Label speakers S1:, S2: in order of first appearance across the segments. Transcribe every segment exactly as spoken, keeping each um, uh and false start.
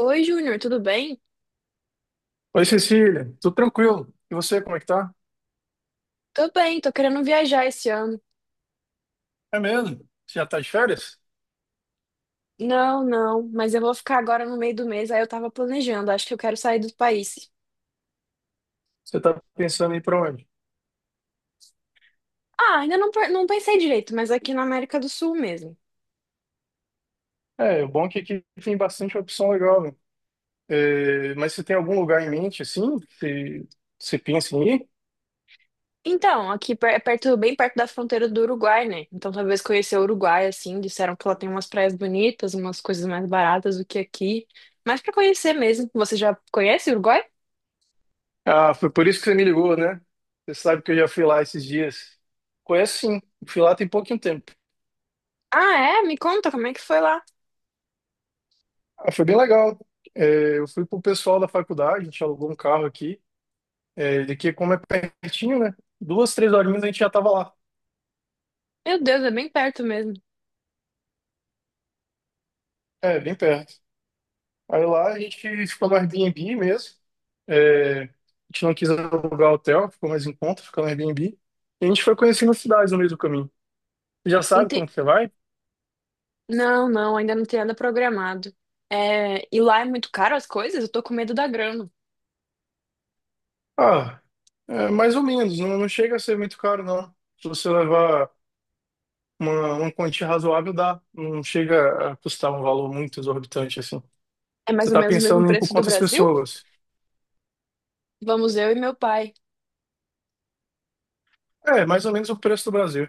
S1: Oi, Júnior, tudo bem?
S2: Oi, Cecília, tudo tranquilo? E você, como é que tá?
S1: Tô bem, tô querendo viajar esse ano.
S2: É mesmo? Você já tá de férias?
S1: Não, não, mas eu vou ficar agora no meio do mês, aí eu tava planejando, acho que eu quero sair do país.
S2: Você tá pensando em ir pra onde?
S1: Ah, ainda não, per- não pensei direito, mas aqui na América do Sul mesmo.
S2: É, o bom é que aqui tem bastante opção legal, né? É, mas você tem algum lugar em mente, assim, que você pensa em ir?
S1: Então, aqui per- é perto, bem perto da fronteira do Uruguai, né? Então talvez conhecer o Uruguai, assim, disseram que lá tem umas praias bonitas, umas coisas mais baratas do que aqui. Mas pra conhecer mesmo, você já conhece o Uruguai?
S2: Ah, foi por isso que você me ligou, né? Você sabe que eu já fui lá esses dias. Conheço sim, fui lá tem pouquinho tempo.
S1: Ah, é? Me conta como é que foi lá.
S2: Ah, foi bem legal. É, eu fui com o pessoal da faculdade, a gente alugou um carro aqui, é, daqui como é pertinho, né? Duas, três horinhas a gente já tava lá.
S1: Meu Deus, é bem perto mesmo.
S2: É, bem perto. Aí lá a gente ficou no Airbnb mesmo. É, a gente não quis alugar hotel, ficou mais em conta, ficou no Airbnb. E a gente foi conhecendo as cidades no meio do caminho. Você já sabe como que você vai?
S1: Não, não, ainda não tem nada programado. É, e lá é muito caro as coisas? Eu tô com medo da grana.
S2: Ah, é, mais ou menos. Não, não chega a ser muito caro, não. Se você levar uma, uma quantia razoável, dá. Não chega a custar um valor muito exorbitante, assim.
S1: É mais
S2: Você
S1: ou
S2: tá
S1: menos o mesmo
S2: pensando em ir por
S1: preço do
S2: quantas
S1: Brasil?
S2: pessoas?
S1: Vamos eu e meu pai.
S2: É, mais ou menos o preço do Brasil.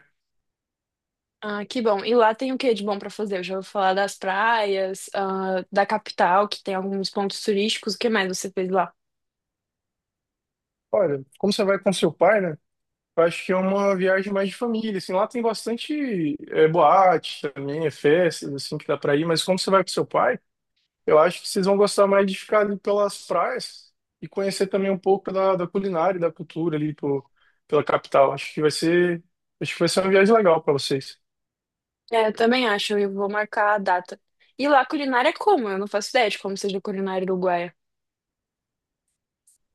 S1: Ah, que bom. E lá tem o que de bom pra fazer? Eu já ouvi falar das praias, ah, da capital, que tem alguns pontos turísticos. O que mais você fez lá?
S2: Olha, como você vai com seu pai, né? Eu acho que é uma viagem mais de família, assim, lá tem bastante é, boate também, é festas, assim, que dá pra ir, mas como você vai com seu pai, eu acho que vocês vão gostar mais de ficar ali pelas praias e conhecer também um pouco da, da culinária e da cultura ali pô, pela capital. Acho que vai ser, acho que vai ser uma viagem legal para vocês.
S1: É, eu também acho, eu vou marcar a data. E lá a culinária é como? Eu não faço ideia de como seja a culinária uruguaia.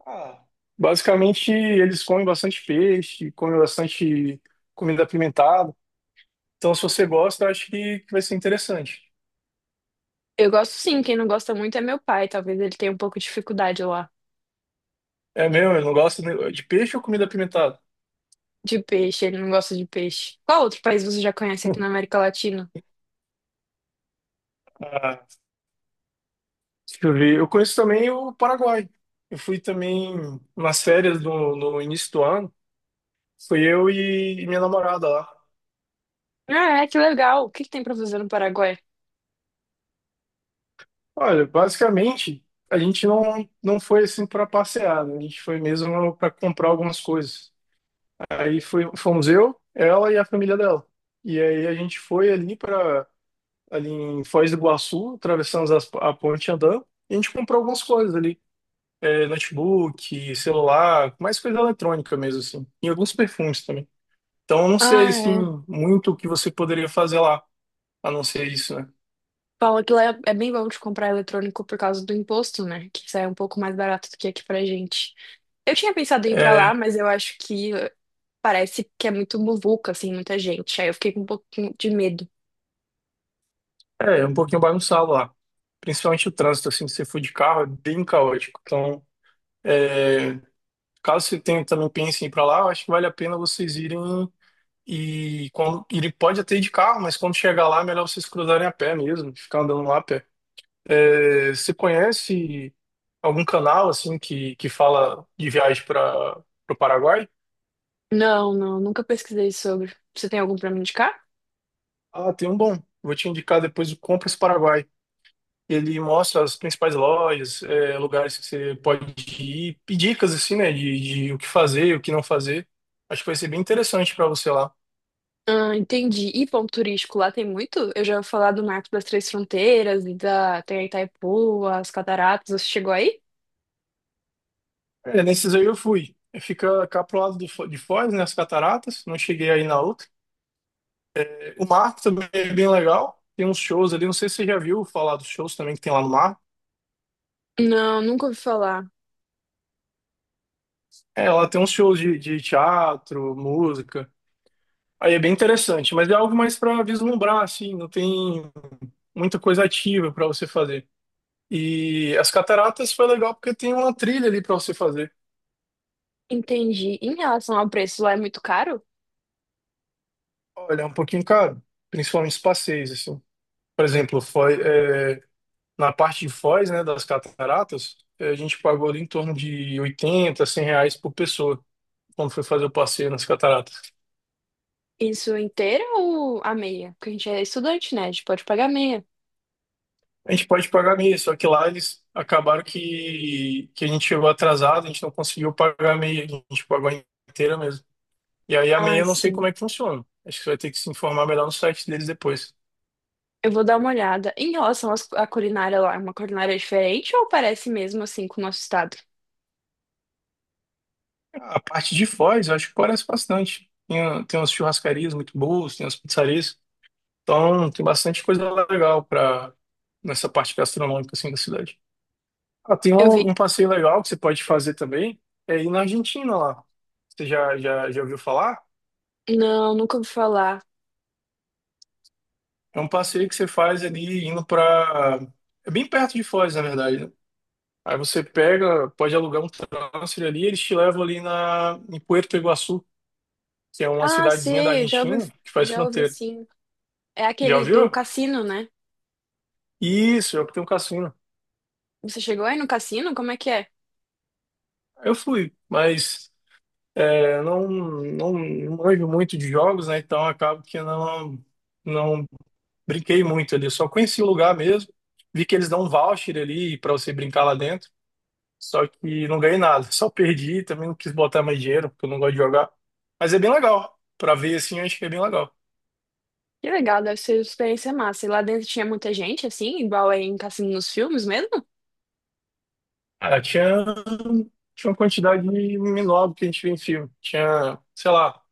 S2: Ah, basicamente, eles comem bastante peixe, comem bastante comida apimentada. Então, se você gosta, eu acho que, que vai ser interessante.
S1: Eu gosto sim, quem não gosta muito é meu pai. Talvez ele tenha um pouco de dificuldade lá
S2: É mesmo, eu não gosto de de peixe ou comida apimentada?
S1: de peixe, ele não gosta de peixe. Qual outro país você já conhece aqui na América Latina?
S2: Ah, deixa eu ver. Eu conheço também o Paraguai. Eu fui também nas férias do, no início do ano. Fui eu e minha namorada lá.
S1: Ah, é, que legal. O que que tem pra fazer no Paraguai?
S2: Olha, basicamente, a gente não, não foi assim para passear, né? A gente foi mesmo para comprar algumas coisas. Aí foi, fomos eu, ela e a família dela. E aí a gente foi ali para ali em Foz do Iguaçu, atravessamos as- a ponte andando, e a gente comprou algumas coisas ali é, notebook, celular, mais coisa eletrônica mesmo, assim. E alguns perfumes também. Então, eu não sei,
S1: Ah,
S2: assim,
S1: é.
S2: muito o que você poderia fazer lá, a não ser isso, né?
S1: Fala que lá é é bem bom de comprar eletrônico por causa do imposto, né? Que sai um pouco mais barato do que aqui pra gente. Eu tinha pensado em ir pra lá,
S2: É,
S1: mas eu acho que eh, parece que é muito muvuca, assim, muita gente. Aí eu fiquei com um pouquinho de medo.
S2: é, é um pouquinho bagunçado lá. Principalmente o trânsito, assim, se você for de carro, é bem caótico. Então, caso você tenha, também pense em ir pra lá, eu acho que vale a pena vocês irem e quando, ele pode até ir de carro, mas quando chegar lá, é melhor vocês cruzarem a pé mesmo, ficar andando lá a pé. É, você conhece algum canal assim que, que fala de viagem para o Paraguai?
S1: Não, não, nunca pesquisei sobre. Você tem algum pra me indicar?
S2: Ah, tem um bom. Vou te indicar depois o Compras Paraguai. Ele mostra as principais lojas, é, lugares que você pode ir, e dicas assim, né, de, de o que fazer, o que não fazer. Acho que vai ser bem interessante para você lá.
S1: Ah, entendi. E ponto turístico lá tem muito? Eu já ouvi falar do Marco das Três Fronteiras e da tem a Itaipu, as cataratas. Você chegou aí?
S2: É, nesses aí eu fui. Fica cá pro lado do Fo- de Foz, né, as cataratas. Não cheguei aí na outra. O mar também é bem legal. Tem uns shows ali, não sei se você já viu falar dos shows também que tem lá no mar.
S1: Não, nunca ouvi falar.
S2: É, ela tem uns shows de, de teatro, música. Aí é bem interessante, mas é algo mais para vislumbrar, assim, não tem muita coisa ativa para você fazer. E as cataratas foi legal porque tem uma trilha ali para você fazer.
S1: Entendi. Em relação ao preço, lá é muito caro?
S2: Olha, é um pouquinho caro, principalmente os passeios, assim. Por exemplo, Foz- é, na parte de Foz, né, das cataratas, é, a gente pagou ali em torno de oitenta cem reais por pessoa, quando foi fazer o passeio nas cataratas.
S1: Isso inteira ou a meia? Porque a gente é estudante, né? A gente pode pagar meia.
S2: A gente pode pagar meia, só que lá eles acabaram que, que a gente chegou atrasado, a gente não conseguiu pagar a meia, a gente pagou a inteira mesmo. E aí a meia
S1: Ah,
S2: eu não sei como
S1: sim.
S2: é que funciona. Acho que você vai ter que se informar melhor no site deles depois.
S1: Eu vou dar uma olhada. Em relação às- à culinária lá, é uma culinária diferente ou parece mesmo assim com o nosso estado?
S2: A parte de Foz, eu acho que parece bastante. Tem, tem umas churrascarias muito boas, tem umas pizzarias. Então, tem bastante coisa legal para nessa parte gastronômica assim da cidade. Ah, tem
S1: Eu vi.
S2: um, um passeio legal que você pode fazer também, é ir na Argentina lá. Você já, já, já ouviu falar?
S1: Não, nunca ouvi falar.
S2: É um passeio que você faz ali indo pra. É bem perto de Foz, na verdade, né? Aí você pega, pode alugar um transfer ali, eles te levam ali na... em Puerto Iguaçu, que é uma
S1: Ah,
S2: cidadezinha da
S1: sei, eu já ouvi,
S2: Argentina que faz
S1: já ouvi
S2: fronteira.
S1: sim. É
S2: Já
S1: aquele do
S2: ouviu?
S1: cassino, né?
S2: Isso, é o que tem um cassino.
S1: Você chegou aí no cassino? Como é que é?
S2: Eu fui, mas é, não, não, não manjo muito de jogos, né? Então acabo que não, não brinquei muito ali. Só conheci o lugar mesmo. Vi que eles dão um voucher ali para você brincar lá dentro. Só que não ganhei nada, só perdi, também não quis botar mais dinheiro, porque eu não gosto de jogar. Mas é bem legal. Pra ver assim, eu acho que é bem legal.
S1: Que legal, deve ser uma experiência massa. E lá dentro tinha muita gente, assim, igual aí em cassino nos filmes mesmo?
S2: Ah, tinha, tinha uma quantidade menor do que a gente vê em filme. Tinha, sei lá,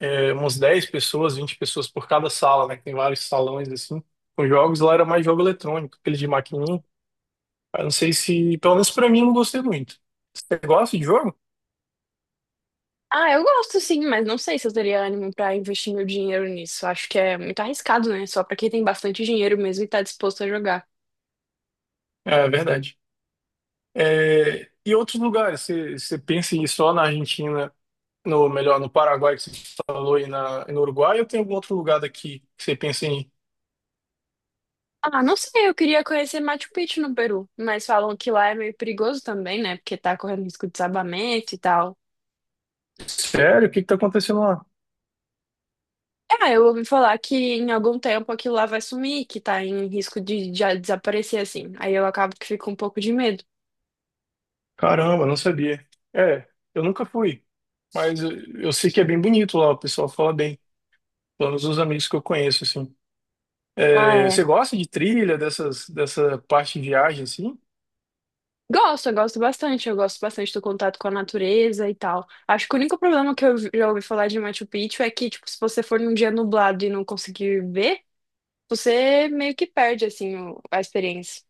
S2: é, umas dez pessoas, vinte pessoas por cada sala, né? que tem vários salões assim. Com jogos lá era mais jogo eletrônico, aquele de maquininha. Eu não sei se, pelo menos pra mim, eu não gostei muito. Você gosta de jogo?
S1: Ah, eu gosto sim, mas não sei se eu teria ânimo pra investir meu dinheiro nisso. Acho que é muito arriscado, né? Só pra quem tem bastante dinheiro mesmo e tá disposto a jogar.
S2: É é verdade. É, e outros lugares? Você, você pensa em ir só na Argentina? No, melhor, no Paraguai que você falou e, na, e no Uruguai, ou tem algum outro lugar daqui que você pensa em,
S1: Ah, não sei, eu queria conhecer Machu Picchu no Peru, mas falam que lá é meio perigoso também, né? Porque tá correndo risco de desabamento e tal.
S2: sério, o que que tá acontecendo lá?
S1: Ah, eu ouvi falar que em algum tempo aquilo lá vai sumir, que tá em risco de já desaparecer assim. Aí eu acabo que fico com um pouco de medo.
S2: Caramba, não sabia. É, eu nunca fui, mas eu, eu sei que é bem bonito lá, o pessoal fala bem, pelo menos os amigos que eu conheço, assim.
S1: Ah,
S2: É,
S1: é.
S2: você gosta de trilha, dessas, dessa parte de viagem, assim?
S1: Gosto, eu gosto bastante. Eu gosto bastante do contato com a natureza e tal. Acho que o único problema que eu já ouvi falar de Machu Picchu é que, tipo, se você for num dia nublado e não conseguir ver, você meio que perde, assim, o- a experiência.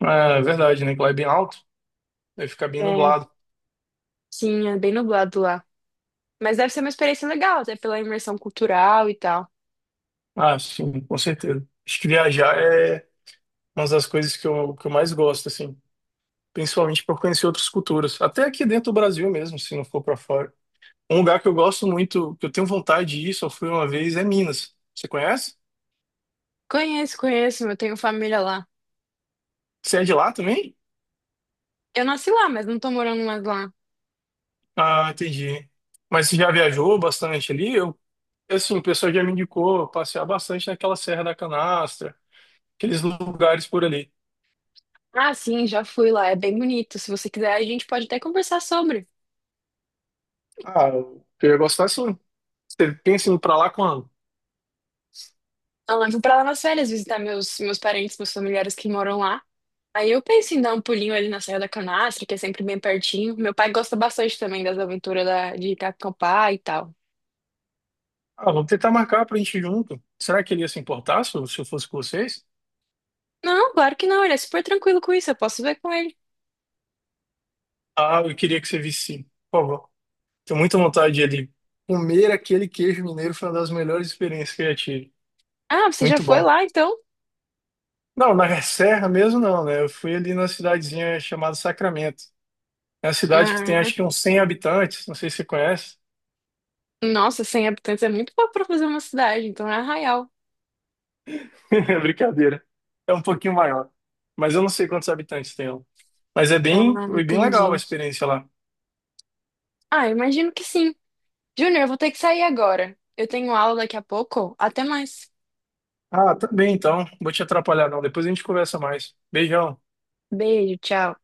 S2: Ah, é verdade, né, que lá é bem alto, vai ficar bem
S1: É,
S2: nublado.
S1: sim, é bem nublado lá. Mas deve ser uma experiência legal, até pela imersão cultural e tal.
S2: Ah, sim, com certeza. Acho que viajar é uma das coisas que eu, que eu mais gosto, assim. Principalmente por conhecer outras culturas, até aqui dentro do Brasil mesmo, se não for para fora. Um lugar que eu gosto muito, que eu tenho vontade de ir, só fui uma vez, é Minas. Você conhece?
S1: Conheço, conheço, eu tenho família lá.
S2: Você é de lá também?
S1: Eu nasci lá, mas não tô morando mais lá.
S2: Ah, entendi. Mas você já viajou bastante ali? Eu, assim, o pessoal já me indicou passear bastante naquela Serra da Canastra, aqueles lugares por ali.
S1: Ah, sim, já fui lá, é bem bonito. Se você quiser, a gente pode até conversar sobre.
S2: Ah, eu ia gostar sim. Você pensa em ir pra lá quando?
S1: Então, eu levo pra lá nas férias visitar meus, meus parentes, meus familiares que moram lá. Aí eu penso em dar um pulinho ali na Serra da Canastra, que é sempre bem pertinho. Meu pai gosta bastante também das aventuras da, de acampar e tal.
S2: Ah, vamos tentar marcar pra gente ir junto. Será que ele ia se importar se eu se eu fosse com vocês?
S1: Não, claro que não, ele é super tranquilo com isso, eu posso ver com ele.
S2: Ah, eu queria que você visse, sim. Por favor. Tenho muita vontade de ali. Comer aquele queijo mineiro foi uma das melhores experiências que eu já tive.
S1: Ah, você já
S2: Muito
S1: foi
S2: bom.
S1: lá então?
S2: Não, na Serra mesmo não, né? Eu fui ali numa cidadezinha chamada Sacramento. É uma cidade que tem
S1: Ah,
S2: acho que uns cem habitantes, não sei se você conhece.
S1: é. Nossa, cem habitantes é muito pouco pra fazer uma cidade, então é Arraial.
S2: É brincadeira. É um pouquinho maior. Mas eu não sei quantos habitantes tem lá. Mas é bem,
S1: Ah,
S2: foi bem legal a
S1: entendi.
S2: experiência lá.
S1: Ah, imagino que sim. Júnior, eu vou ter que sair agora. Eu tenho aula daqui a pouco. Até mais.
S2: Ah, tá bem então. Vou te atrapalhar não. Depois a gente conversa mais. Beijão.
S1: Beijo, tchau.